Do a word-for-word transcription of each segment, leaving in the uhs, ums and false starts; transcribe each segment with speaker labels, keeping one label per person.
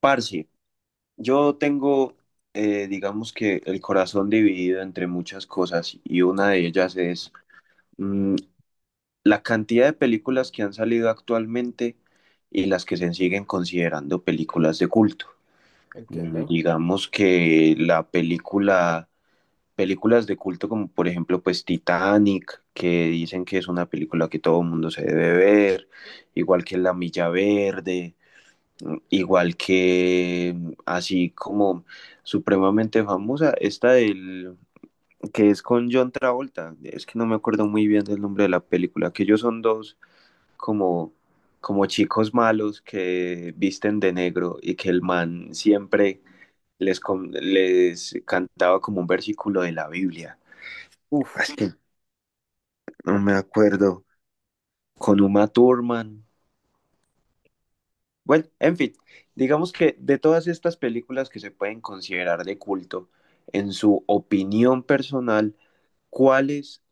Speaker 1: Parce, yo tengo, eh, digamos que el corazón dividido entre muchas cosas y una de ellas es mm, la cantidad de películas que han salido actualmente y las que se siguen considerando películas de culto. Mm,
Speaker 2: Entiendo.
Speaker 1: digamos que la película, películas de culto como por ejemplo pues Titanic, que dicen que es una película que todo el mundo se debe ver, igual que La Milla Verde. Igual que, así como supremamente famosa, esta del que es con John Travolta, es que no me acuerdo muy bien del nombre de la película, que ellos son dos como, como chicos malos que visten de negro y que el man siempre les, con- les cantaba como un versículo de la Biblia.
Speaker 2: Uf,
Speaker 1: Es que no me acuerdo. Con Uma Thurman. Bueno, en fin, digamos que de todas estas películas que se pueden considerar de culto, en su opinión personal, ¿cuáles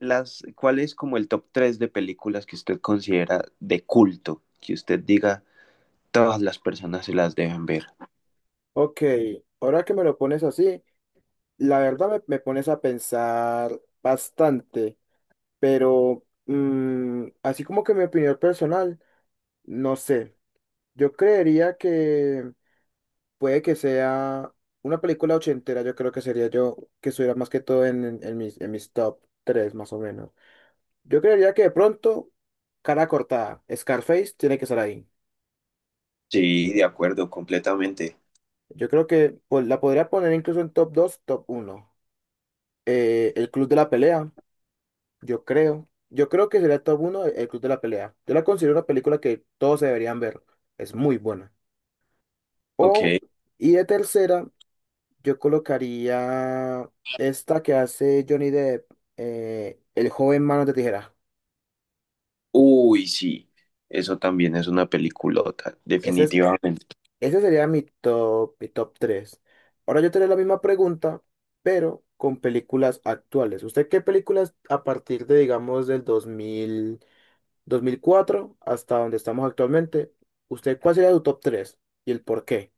Speaker 1: las, ¿cuál es como el top tres de películas que usted considera de culto? Que usted diga, todas las personas se las deben ver.
Speaker 2: ok. Ahora que me lo pones así, la verdad me, me pones a pensar bastante, pero mm, así como que mi opinión personal, no sé. Yo creería que puede que sea una película ochentera, yo creo que sería yo que estuviera más que todo en, en- en mis, en mis top tres más o menos. Yo creería que de pronto, cara cortada, Scarface tiene que estar ahí.
Speaker 1: Sí, de acuerdo, completamente.
Speaker 2: Yo creo que pues, la podría poner incluso en top dos top uno eh, El Club de la Pelea, yo creo. Yo creo que sería top uno El Club de la Pelea. Yo la considero una película que todos deberían ver. Es muy buena. O,
Speaker 1: Ok.
Speaker 2: y de tercera, yo colocaría esta que hace Johnny Depp, eh, El joven Manos de Tijera.
Speaker 1: Uy, sí, eso también es una peliculota,
Speaker 2: Ese es,
Speaker 1: definitivamente.
Speaker 2: ese sería mi top, mi top tres. Ahora yo te haré la misma pregunta, pero con películas actuales. ¿Usted qué películas a partir de, digamos, del dos mil? Dos mil cuatro hasta donde estamos actualmente, ¿usted cuál sería su top tres y el por qué?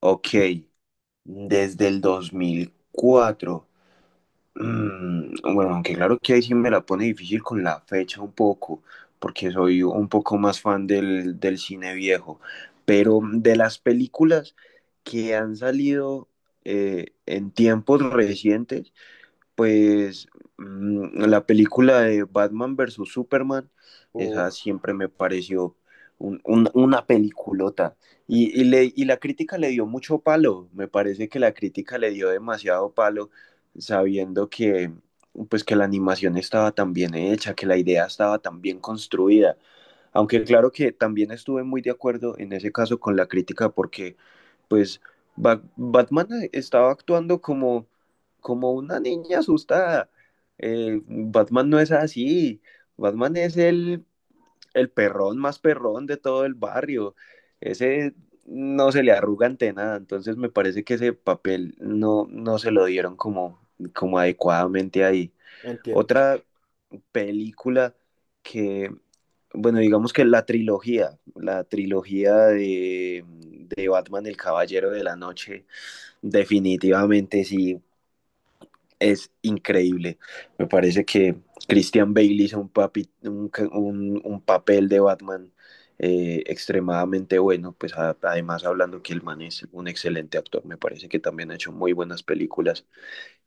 Speaker 1: Ok, desde el dos mil cuatro. Mm, bueno, aunque claro que ahí sí me la pone difícil con la fecha un poco, porque soy un poco más fan del, del cine viejo, pero de las películas que han salido eh, en tiempos recientes, pues mm, la película de Batman versus Superman,
Speaker 2: Uf,
Speaker 1: esa siempre me pareció un- un- una peliculota.
Speaker 2: es-
Speaker 1: Y, y le- y la crítica le dio mucho palo, me parece que la crítica le dio demasiado palo, sabiendo que, pues, que la animación estaba tan bien hecha, que la idea estaba tan bien construida. Aunque claro que también estuve muy de acuerdo en ese caso con la crítica porque pues Ba- Batman estaba actuando como, como una niña asustada. Eh, Batman no es así. Batman es el, el perrón más perrón de todo el barrio. Ese no se le arruga ante nada. Entonces me parece que ese papel no, no se lo dieron como, como adecuadamente ahí.
Speaker 2: entiendo,
Speaker 1: Otra película que, bueno, digamos que la trilogía, la trilogía de, de Batman, el Caballero de la Noche. Definitivamente sí, es increíble. Me parece que Christian Bale hizo un, papi, un, ca- un, un papel de Batman eh, extremadamente bueno, pues a- además hablando que el man es un excelente actor, me parece que también ha hecho muy buenas películas.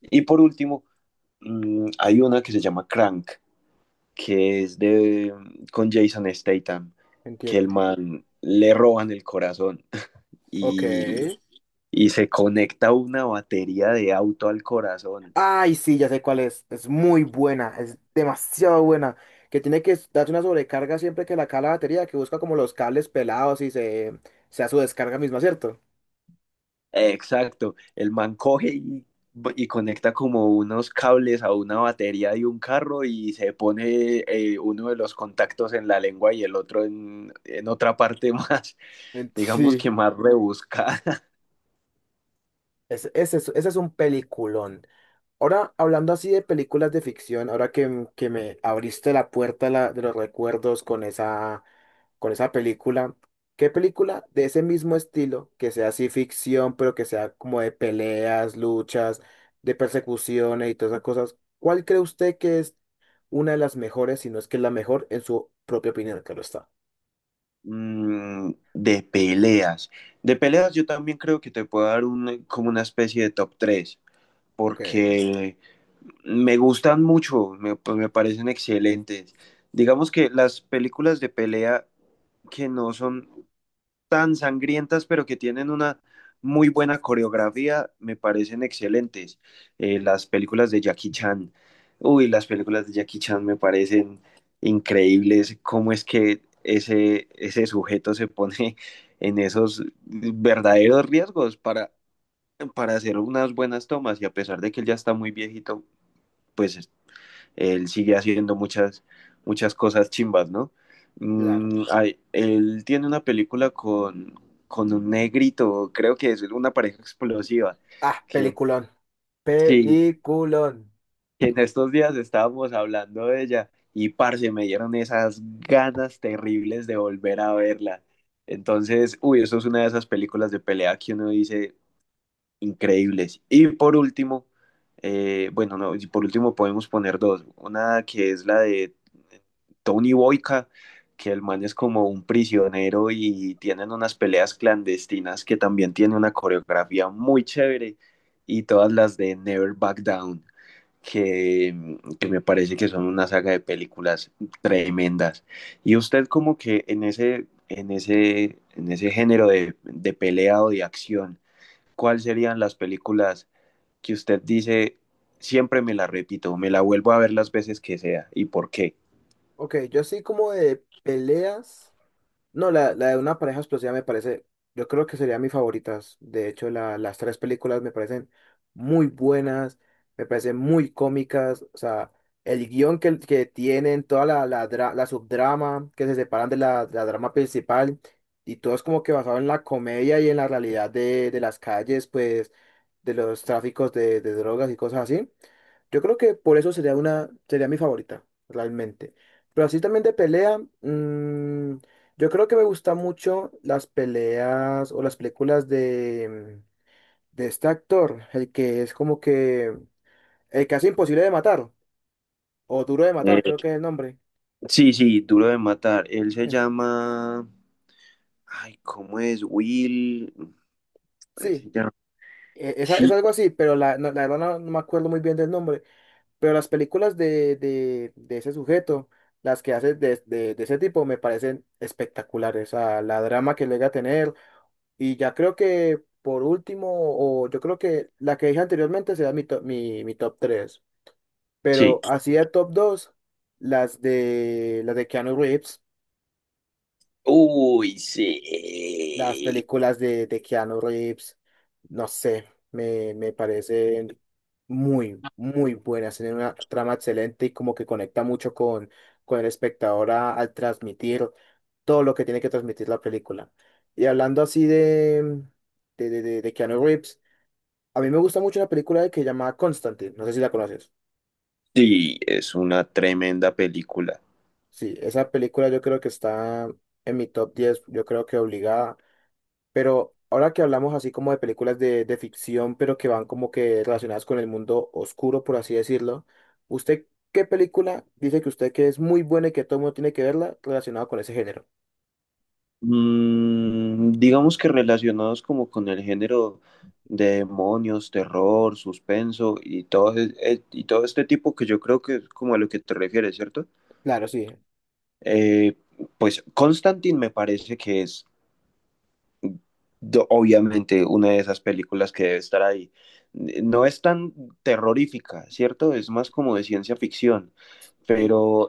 Speaker 1: Y por último, mm, hay una que se llama Crank, que es de, con Jason Statham, que el
Speaker 2: entiendo.
Speaker 1: man le roban el corazón
Speaker 2: Ok.
Speaker 1: y, y se conecta una batería de auto al corazón.
Speaker 2: Ay, sí, ya sé cuál es. Es muy buena, es demasiado buena. Que tiene que darse una sobrecarga siempre que la cae la batería, que busca como los cables pelados y se, se da su descarga misma, ¿cierto?
Speaker 1: Exacto, el man coge y, y conecta como unos cables a una batería de un carro y se pone eh, uno de los contactos en la lengua y el otro en, en otra parte más,
Speaker 2: Ent-
Speaker 1: digamos
Speaker 2: Sí.
Speaker 1: que más rebuscada.
Speaker 2: Ese, ese es ese es un peliculón. Ahora, hablando así de películas de ficción, ahora que, m- que me abriste la puerta de la- de los recuerdos con esa, con esa película. ¿Qué película de ese mismo estilo, que sea así ficción, pero que sea como de peleas, luchas, de persecuciones y todas esas cosas? ¿Cuál cree usted que es una de las mejores, si no es que es la mejor, en su propia opinión? Claro está.
Speaker 1: Mm, de peleas. De peleas yo también creo que te puedo dar un, como una especie de top tres
Speaker 2: Ok.
Speaker 1: porque me gustan mucho, me, pues me parecen excelentes. Digamos que las películas de pelea que no son tan sangrientas, pero que tienen una muy buena coreografía, me parecen excelentes. Eh, las películas de Jackie Chan, uy, las películas de Jackie Chan me parecen increíbles, cómo es que ese, ese sujeto se pone en esos verdaderos riesgos para, para hacer unas buenas tomas y a pesar de que él ya está muy viejito, pues él sigue haciendo muchas, muchas cosas chimbas, ¿no?
Speaker 2: Claro.
Speaker 1: Mm, hay- él tiene una película con, con un negrito, creo que es una pareja explosiva,
Speaker 2: Ah,
Speaker 1: que
Speaker 2: peliculón.
Speaker 1: sí,
Speaker 2: Peliculón.
Speaker 1: que en estos días estábamos hablando de ella y parce, me dieron esas ganas terribles de volver a verla. Entonces, uy, eso es una de esas películas de pelea que uno dice, increíbles. Y por último, eh, bueno, no, y por último podemos poner dos. Una que es la de Tony Boyka, que el man es como un prisionero y tienen unas peleas clandestinas que también tiene una coreografía muy chévere. Y todas las de Never Back Down, que, que me parece que son una saga de películas tremendas. Y usted como que en ese, en ese, en ese género de, de pelea o de acción, ¿cuáles serían las películas que usted dice, siempre me la repito, me la vuelvo a ver las veces que sea y por qué?
Speaker 2: Ok, yo así como de peleas. No, la, la de una pareja explosiva me parece, yo creo que sería mi favorita. De hecho, la- las tres películas me parecen muy buenas, me parecen muy cómicas. O sea, el guión que, que tienen, toda la, la, dra- la subdrama que se separan de la, la drama principal y todo es como que basado en la comedia y en la realidad de, de las calles, pues, de los tráficos de, de drogas y cosas así. Yo creo que por eso sería una, sería mi favorita, realmente. Pero así también de pelea. mm, yo creo que me gustan mucho las peleas o las películas de, mm, de este actor, el que es como que mm, el que hace imposible de matar, o duro de matar,
Speaker 1: Eh,
Speaker 2: creo que es el nombre.
Speaker 1: sí, sí, Duro de Matar. Él se
Speaker 2: Eh,
Speaker 1: llama... Ay, ¿cómo es? Will... Él se
Speaker 2: Sí,
Speaker 1: llama-
Speaker 2: e- es, a- es
Speaker 1: Sí.
Speaker 2: algo así, pero la, no- la verdad no, no me acuerdo muy bien del nombre. Pero las películas de, de, de ese sujeto, las que hace de, de, de ese tipo, me parecen espectaculares. O sea, la drama que llega a tener. Y ya creo que por último, o yo creo que la que dije anteriormente será mi, top- mi, mi top tres. Pero
Speaker 1: Sí.
Speaker 2: así de top dos las de, las de Keanu Reeves,
Speaker 1: Uy,
Speaker 2: las
Speaker 1: sí.
Speaker 2: películas de, de Keanu Reeves, no sé, me, me parecen muy, muy buenas. Tienen una trama excelente y como que conecta mucho con, con el espectador a- al transmitir todo lo que tiene que transmitir la película. Y hablando así de, de, de, de de Keanu Reeves, a mí me gusta mucho una película que se llama Constantine, no sé si la conoces.
Speaker 1: Sí, es una tremenda película.
Speaker 2: Sí, esa película yo creo que está en mi top diez yo creo que obligada, pero ahora que hablamos así como de películas de, de ficción, pero que van como que relacionadas con el mundo oscuro, por así decirlo, ¿usted qué película dice que usted que es muy buena y que todo el mundo tiene que verla relacionada con ese género?
Speaker 1: Mm, digamos que relacionados como con el género de demonios, terror, suspenso y todo, e- e- y todo este tipo que yo creo que es como a lo que te refieres, ¿cierto?
Speaker 2: Claro, sí,
Speaker 1: Eh, pues Constantine me parece que es do- obviamente una de esas películas que debe estar ahí. No es tan terrorífica, ¿cierto? Es más como de ciencia ficción,
Speaker 2: sí.
Speaker 1: pero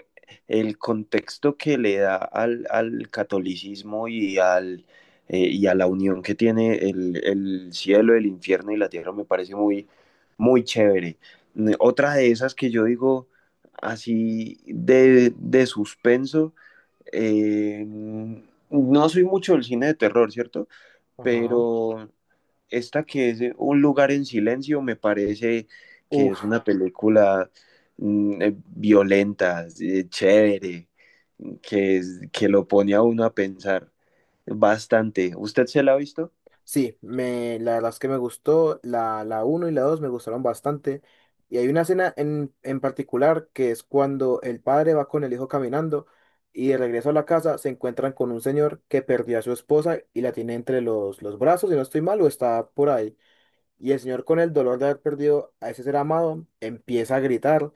Speaker 1: el contexto que le da al, al catolicismo y, al, eh, y a la unión que tiene el, el cielo, el infierno y la tierra me parece muy, muy chévere. Mm, otra de esas que yo digo así de, de suspenso, eh, no soy mucho del cine de terror, ¿cierto?
Speaker 2: Ajá.
Speaker 1: Pero esta que es Un lugar en silencio me parece que
Speaker 2: Uf.
Speaker 1: es una película mm, eh, violenta, eh, chévere, que, es- que lo pone a uno a pensar bastante. ¿Usted se la ha visto?
Speaker 2: Sí, me, la verdad es que me gustó, la, la uno y la dos me gustaron bastante. Y hay una escena en, en particular que es cuando el padre va con el hijo caminando y de regreso a la casa se encuentran con un señor que perdió a su esposa y la tiene entre los, los brazos, si no estoy mal, o está por ahí. Y el señor con el dolor de haber perdido a ese ser amado empieza a gritar,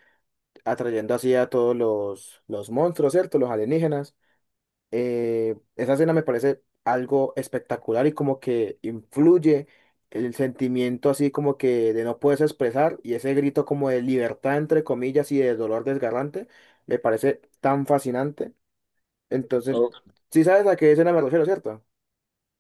Speaker 2: atrayendo así a todos los, los monstruos, ¿cierto? Los alienígenas eh, esa escena me parece algo espectacular y como que influye el sentimiento así como que de no puedes expresar y ese grito como de libertad entre comillas y de dolor desgarrante me parece tan fascinante. Entonces, si sabes a qué escena me refiero, ¿cierto?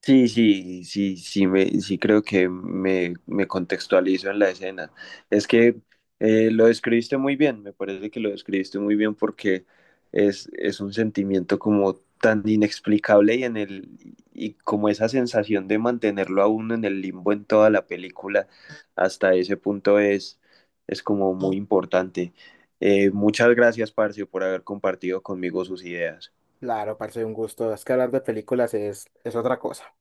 Speaker 1: Sí, sí, sí, sí, me, sí creo que me, me contextualizo en la escena. Es que eh, lo describiste muy bien, me parece que lo describiste muy bien porque es, es un sentimiento como tan inexplicable y en el, y como esa sensación de mantenerlo a uno en el limbo en toda la película, hasta ese punto es, es como muy importante. Eh, muchas gracias, Parcio, por haber compartido conmigo sus ideas.
Speaker 2: Claro, parece un gusto. Es que hablar de películas es, es otra cosa.